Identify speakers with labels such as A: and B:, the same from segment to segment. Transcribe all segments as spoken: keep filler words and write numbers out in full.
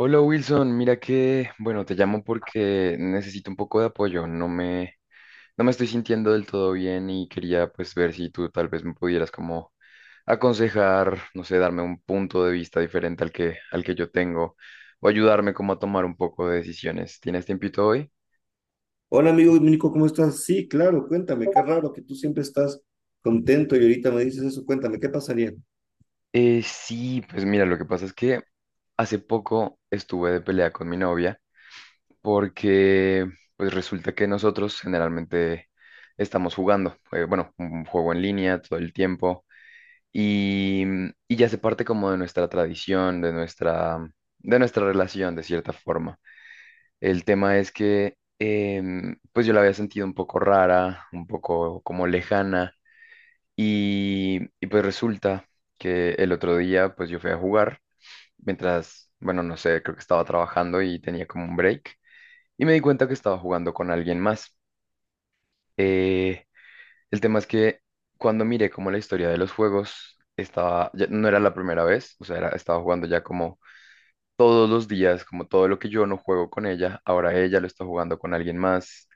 A: Hola Wilson, mira que, bueno, te llamo porque necesito un poco de apoyo, no me, no me estoy sintiendo del todo bien y quería pues ver si tú tal vez me pudieras como aconsejar, no sé, darme un punto de vista diferente al que, al que yo tengo o ayudarme como a tomar un poco de decisiones. ¿Tienes tiempito hoy?
B: Hola amigo Dominico, ¿cómo estás? Sí, claro, cuéntame, qué raro que tú siempre estás contento y ahorita me dices eso, cuéntame, ¿qué pasaría?
A: Eh, sí, pues mira, lo que pasa es que hace poco estuve de pelea con mi novia porque pues resulta que nosotros generalmente estamos jugando, eh, bueno, un juego en línea todo el tiempo y, y ya se parte como de nuestra tradición, de nuestra, de nuestra relación de cierta forma. El tema es que em, pues yo la había sentido un poco rara, un poco como lejana y, y pues resulta que el otro día pues yo fui a jugar mientras, bueno, no sé, creo que estaba trabajando y tenía como un break y me di cuenta que estaba jugando con alguien más. Eh, el tema es que cuando miré como la historia de los juegos, estaba, ya no era la primera vez, o sea, era- estaba jugando ya como todos los días, como todo lo que yo no juego con ella, ahora ella lo está jugando con alguien más.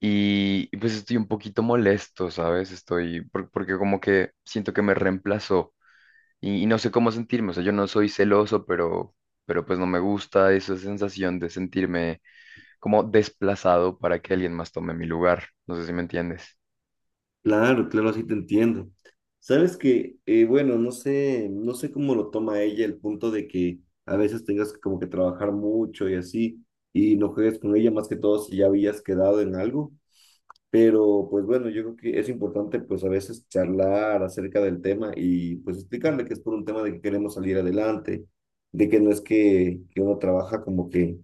A: Y y pues estoy un poquito molesto, ¿sabes? Estoy, por- porque como que siento que me reemplazó y, y no sé cómo sentirme, o sea, yo no soy celoso, pero, pero pues no me gusta esa sensación de sentirme como desplazado para que alguien más tome mi lugar. No sé si me entiendes.
B: Claro, claro, así te entiendo. Sabes que, eh, bueno, no sé, no sé cómo lo toma ella el punto de que a veces tengas que como que trabajar mucho y así, y no juegues con ella más que todo si ya habías quedado en algo. Pero pues bueno, yo creo que es importante pues a veces charlar acerca del tema y pues explicarle que es por un tema de que queremos salir adelante, de que no es que, que uno trabaja como que,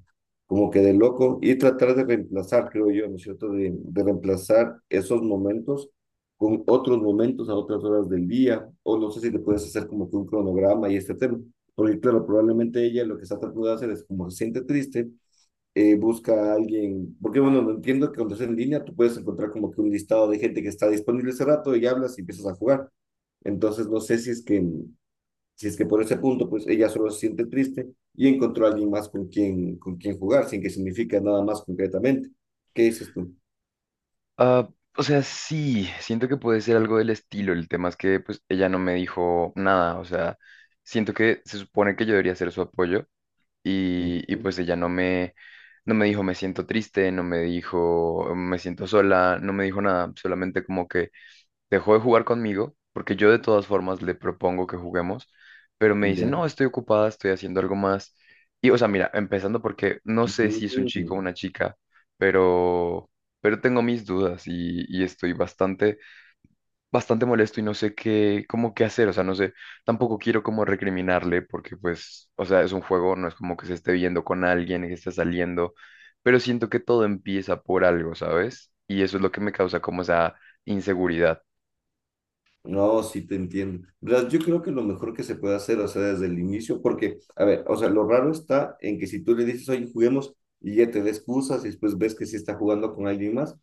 B: como que de loco y tratar de reemplazar, creo yo, ¿no es cierto? De, de reemplazar esos momentos con otros momentos a otras horas del día, o no sé si te puedes hacer como que un cronograma y este tema, porque claro, probablemente ella lo que está tratando de hacer es como se siente triste, eh, busca a alguien, porque bueno, no entiendo que cuando estás en línea tú puedes encontrar como que un listado de gente que está disponible ese rato y hablas y empiezas a jugar. Entonces no sé si es que, si es que por ese punto pues ella solo se siente triste y encontró a alguien más con quien, con quien jugar, sin que significa nada más concretamente. ¿Qué dices tú?
A: Ah, o sea, sí, siento que puede ser algo del estilo. El tema es que pues ella no me dijo nada. O sea, siento que se supone que yo debería ser su apoyo y, y
B: Ujú.
A: pues ella no me, no me dijo me siento triste, no me dijo me siento sola, no me dijo nada. Solamente como que dejó de jugar conmigo, porque yo de todas formas le propongo que juguemos, pero me dice,
B: Ya.
A: no, estoy ocupada, estoy haciendo algo más. Y, o sea, mira, empezando porque no sé si es un chico o
B: Ujú.
A: una chica, pero, pero tengo mis dudas y, y estoy bastante, bastante molesto y no sé qué, cómo qué hacer, o sea, no sé, tampoco quiero como recriminarle porque, pues, o sea, es un juego, no es como que se esté viendo con alguien, que esté saliendo, pero siento que todo empieza por algo, ¿sabes? Y eso es lo que me causa como esa inseguridad.
B: No, sí te entiendo, ¿verdad? Yo creo que lo mejor que se puede hacer, o sea, desde el inicio, porque, a ver, o sea, lo raro está en que si tú le dices, oye, juguemos, y ya te da excusas, y después ves que sí está jugando con alguien más,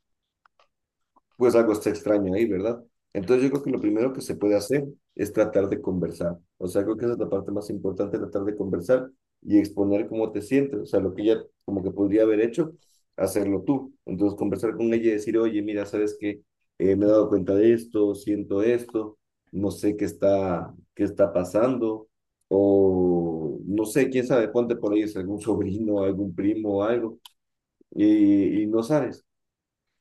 B: pues algo está extraño ahí, ¿verdad? Entonces yo creo que lo primero que se puede hacer es tratar de conversar. O sea, creo que esa es la parte más importante, tratar de conversar y exponer cómo te sientes. O sea, lo que ella como que podría haber hecho, hacerlo tú. Entonces conversar con ella y decir, oye, mira, ¿sabes qué? Eh, me he dado cuenta de esto, siento esto, no sé qué está, qué está pasando. O no sé, quién sabe, ponte por ahí es algún sobrino, algún primo o algo, y, y no sabes.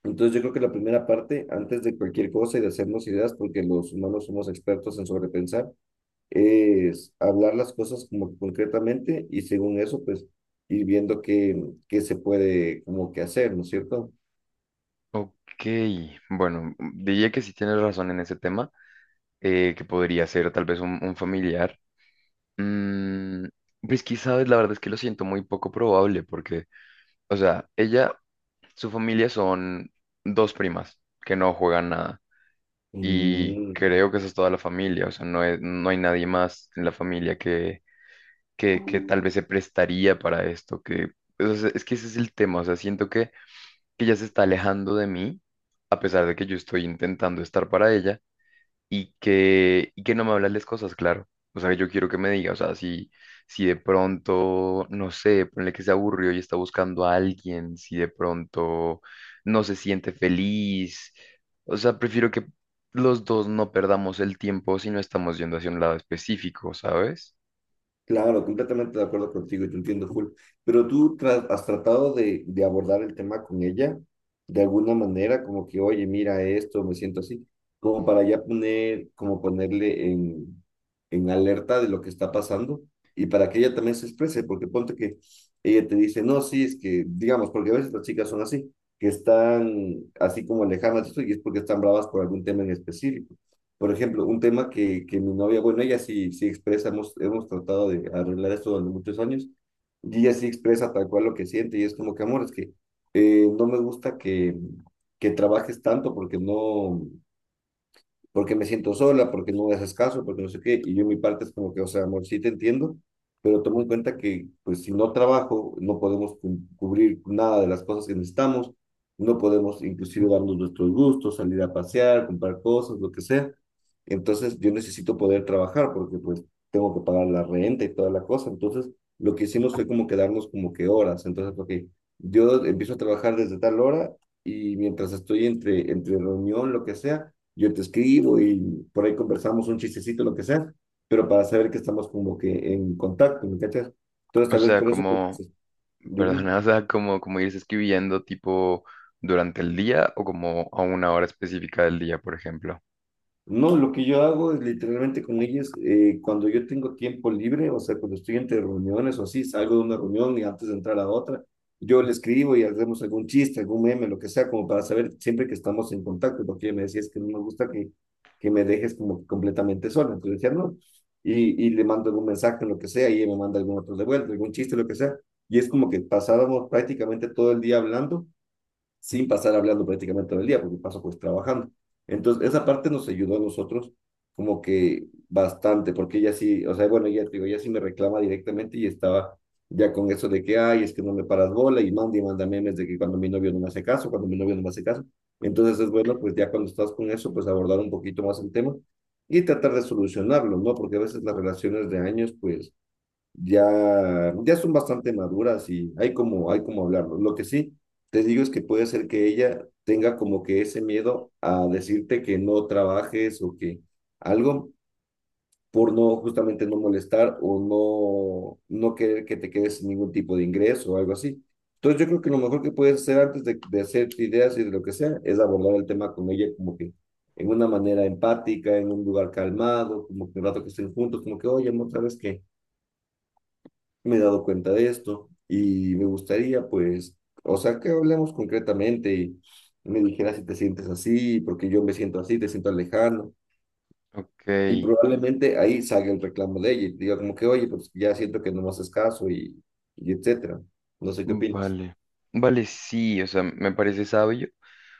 B: Entonces yo creo que la primera parte, antes de cualquier cosa y de hacernos ideas, porque los humanos somos expertos en sobrepensar, es hablar las cosas como concretamente y según eso, pues ir viendo qué, qué se puede como que hacer, ¿no es cierto?
A: Ok, bueno, diría que sí tienes razón en ese tema, eh, que podría ser tal vez un, un familiar. Mm, pues quizás la verdad es que lo siento muy poco probable, porque, o sea, ella, su familia son dos primas que no juegan nada, y
B: Mm.
A: creo que esa es toda la familia, o sea, no, es- no hay nadie más en la familia que, que, que tal vez se prestaría para esto, que, o sea, es que ese es el tema, o sea, siento que que ella se está alejando de mí, a pesar de que yo estoy intentando estar para ella, y que, y que no me habla las cosas, claro. O sea, que yo quiero que me diga, o sea, si, si de pronto, no sé, ponle que se aburrió y está buscando a alguien, si de pronto no se siente feliz, o sea, prefiero que los dos no perdamos el tiempo si no estamos yendo hacia un lado específico, ¿sabes?
B: Claro, completamente de acuerdo contigo y te entiendo full. Pero tú tra- has tratado de, de abordar el tema con ella de alguna manera, como que, oye, mira esto, me siento así, como para ya poner, como ponerle en, en alerta de lo que está pasando y para que ella también se exprese, porque ponte que ella te dice, no, sí, es que, digamos, porque a veces las chicas son así, que están así como lejanas de eso y es porque están bravas por algún tema en específico. Por ejemplo, un tema que, que mi novia, bueno, ella sí, sí expresa, hemos, hemos tratado de arreglar esto durante muchos años, y ella sí expresa tal cual lo que siente, y es como que, amor, es que eh, no me gusta que, que trabajes tanto porque no, porque me siento sola, porque no me haces caso, porque no sé qué, y yo en mi parte es como que, o sea, amor, sí te entiendo, pero tomo en cuenta que, pues, si no trabajo, no podemos cu- cubrir nada de las cosas que necesitamos, no podemos inclusive darnos nuestros gustos, salir a pasear, comprar cosas, lo que sea. Entonces, yo necesito poder trabajar porque, pues, tengo que pagar la renta y toda la cosa. Entonces, lo que hicimos fue como quedarnos como que horas. Entonces, ok, yo empiezo a trabajar desde tal hora y mientras estoy entre, entre reunión, lo que sea, yo te escribo y por ahí conversamos un chistecito, lo que sea, pero para saber que estamos como que en contacto, ¿me cachas? Entonces,
A: O
B: tal vez
A: sea,
B: por eso, pues,
A: como...
B: dime.
A: Perdona, o sea, como, como irse escribiendo tipo durante el día o como a una hora específica del día, por ejemplo.
B: No, lo que yo hago es literalmente con ellos, eh, cuando yo tengo tiempo libre, o sea, cuando estoy entre reuniones o así, salgo de una reunión y antes de entrar a otra, yo le escribo y hacemos algún chiste, algún meme, lo que sea, como para saber siempre que estamos en contacto, porque ella me decía, es que no me gusta que, que me dejes como completamente sola, entonces decía, no, y, y le mando algún mensaje, lo que sea, y ella me manda algún otro de vuelta, algún chiste, lo que sea, y es como que pasábamos prácticamente todo el día hablando sin pasar hablando prácticamente todo el día, porque paso pues trabajando. Entonces, esa parte nos ayudó a nosotros como que bastante, porque ella sí, o sea, bueno, ella, digo, ella sí me reclama directamente y estaba ya con eso de que, ay, es que no me paras bola y manda y manda memes de que cuando mi novio no me hace caso, cuando mi novio no me hace caso. Entonces es bueno, pues ya cuando estás con eso, pues abordar un poquito más el tema y tratar de solucionarlo, ¿no? Porque a veces las relaciones de años, pues ya, ya son bastante maduras y hay como, hay como hablarlo. Lo que sí te digo es que puede ser que ella tenga como que ese miedo a decirte que no trabajes o que algo por no justamente no molestar o no, no querer que te quedes sin ningún tipo de ingreso o algo así. Entonces yo creo que lo mejor que puedes hacer antes de, de hacerte ideas y de lo que sea es abordar el tema con ella como que en una manera empática, en un lugar calmado, como que un rato que estén juntos, como que, oye, amor, ¿sabes qué? Me he dado cuenta de esto y me gustaría, pues, o sea, que hablemos concretamente y me dijeras si te sientes así, porque yo me siento así, te siento alejado. Y
A: Ok,
B: probablemente ahí salga el reclamo de ella y te diga como que, oye, pues ya siento que no me haces caso y, y etcétera. No sé qué opinas.
A: vale. Vale, sí, o sea, me parece sabio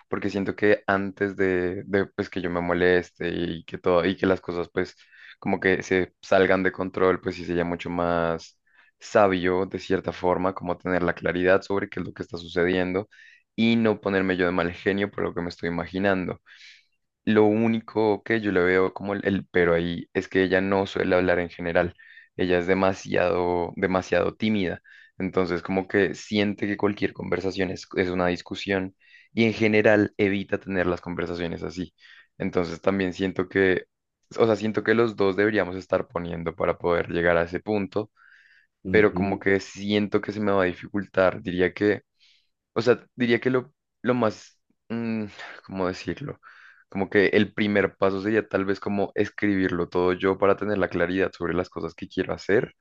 A: porque siento que antes de, de pues que yo me moleste y que todo y que las cosas pues como que se salgan de control, pues sí sería mucho más sabio de cierta forma como tener la claridad sobre qué es lo que está sucediendo y no ponerme yo de mal genio por lo que me estoy imaginando. Lo único que yo le veo como el, el pero ahí es que ella no suele hablar en general. Ella es demasiado, demasiado tímida. Entonces, como que siente que cualquier conversación es, es una discusión y en general evita tener las conversaciones así. Entonces, también siento que, o sea, siento que los dos deberíamos estar poniendo para poder llegar a ese punto, pero como
B: Ujú.
A: que siento que se me va a dificultar. Diría que o sea, diría que lo, lo más, mm, ¿cómo decirlo? Como que el primer paso sería tal vez como escribirlo todo yo para tener la claridad sobre las cosas que quiero hacer.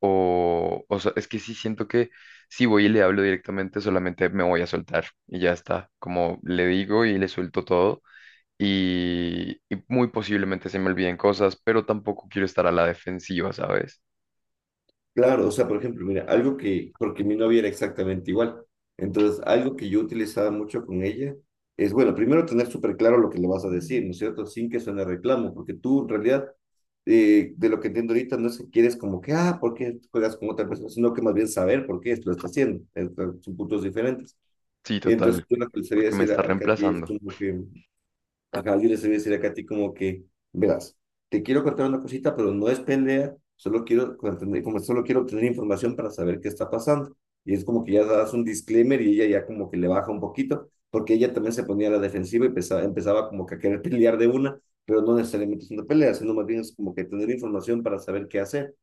A: O, o sea, es que sí siento que si voy y le hablo directamente, solamente me voy a soltar y ya está. Como le digo y le suelto todo. Y, y muy posiblemente se me olviden cosas, pero tampoco quiero estar a la defensiva, ¿sabes?
B: Claro, o sea, por ejemplo, mira, algo que, porque mi novia era exactamente igual. Entonces, algo que yo utilizaba mucho con ella es, bueno, primero tener súper claro lo que le vas a decir, ¿no es cierto? Sin que suene reclamo, porque tú en realidad, eh, de lo que entiendo ahorita, no es que quieres como que, ah, ¿por qué juegas con otra persona? Sino que más bien saber por qué esto lo está haciendo. Entonces, son puntos diferentes.
A: Sí,
B: Y entonces,
A: total,
B: yo lo que le sería
A: porque me
B: decir
A: está
B: a, a Katy es
A: reemplazando.
B: como que, ajá, yo les voy a decir acá a ti como que, verás, te quiero contar una cosita, pero no es pelea, solo quiero, contener- como solo quiero obtener información para saber qué está pasando. Y es como que ya das un disclaimer y ella ya como que le baja un poquito, porque ella también se ponía a la defensiva y empezaba, empezaba como que a querer pelear de una, pero no necesariamente es una pelea, sino más bien es como que tener información para saber qué hacer.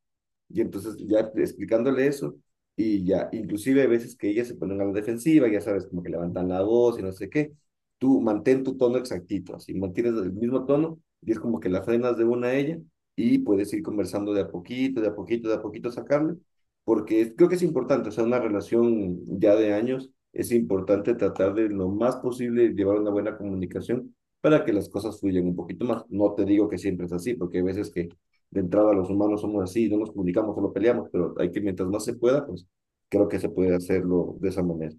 B: Y entonces ya explicándole eso, y ya, inclusive hay veces que ellas se ponen a la defensiva, ya sabes, como que levantan la voz y no sé qué, tú mantén tu tono exactito, así mantienes el mismo tono y es como que la frenas de una a ella y puedes ir conversando de a poquito, de a poquito, de a poquito sacarle, porque es- creo que es importante, o sea, una relación ya de años, es importante tratar de lo más posible llevar una buena comunicación para que las cosas fluyan un poquito más. No te digo que siempre es así, porque hay veces que de entrada los humanos somos así, no nos comunicamos, solo peleamos, pero hay que, mientras más se pueda, pues creo que se puede hacerlo de esa manera.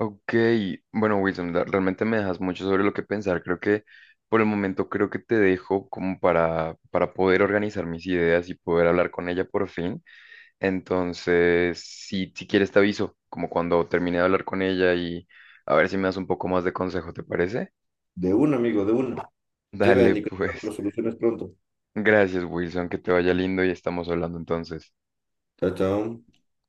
A: Ok, bueno, Wilson, la- realmente me dejas mucho sobre lo que pensar. Creo que por el momento creo que te dejo como para, para poder organizar mis ideas y poder hablar con ella por fin. Entonces, si, si quieres te aviso, como cuando termine de hablar con ella y a ver si me das un poco más de consejo, ¿te parece?
B: De una, amigo, de una. Chévere,
A: Dale,
B: Nicolás, pero
A: pues.
B: soluciones pronto.
A: Gracias, Wilson, que te vaya lindo y estamos hablando entonces.
B: Chao, chao.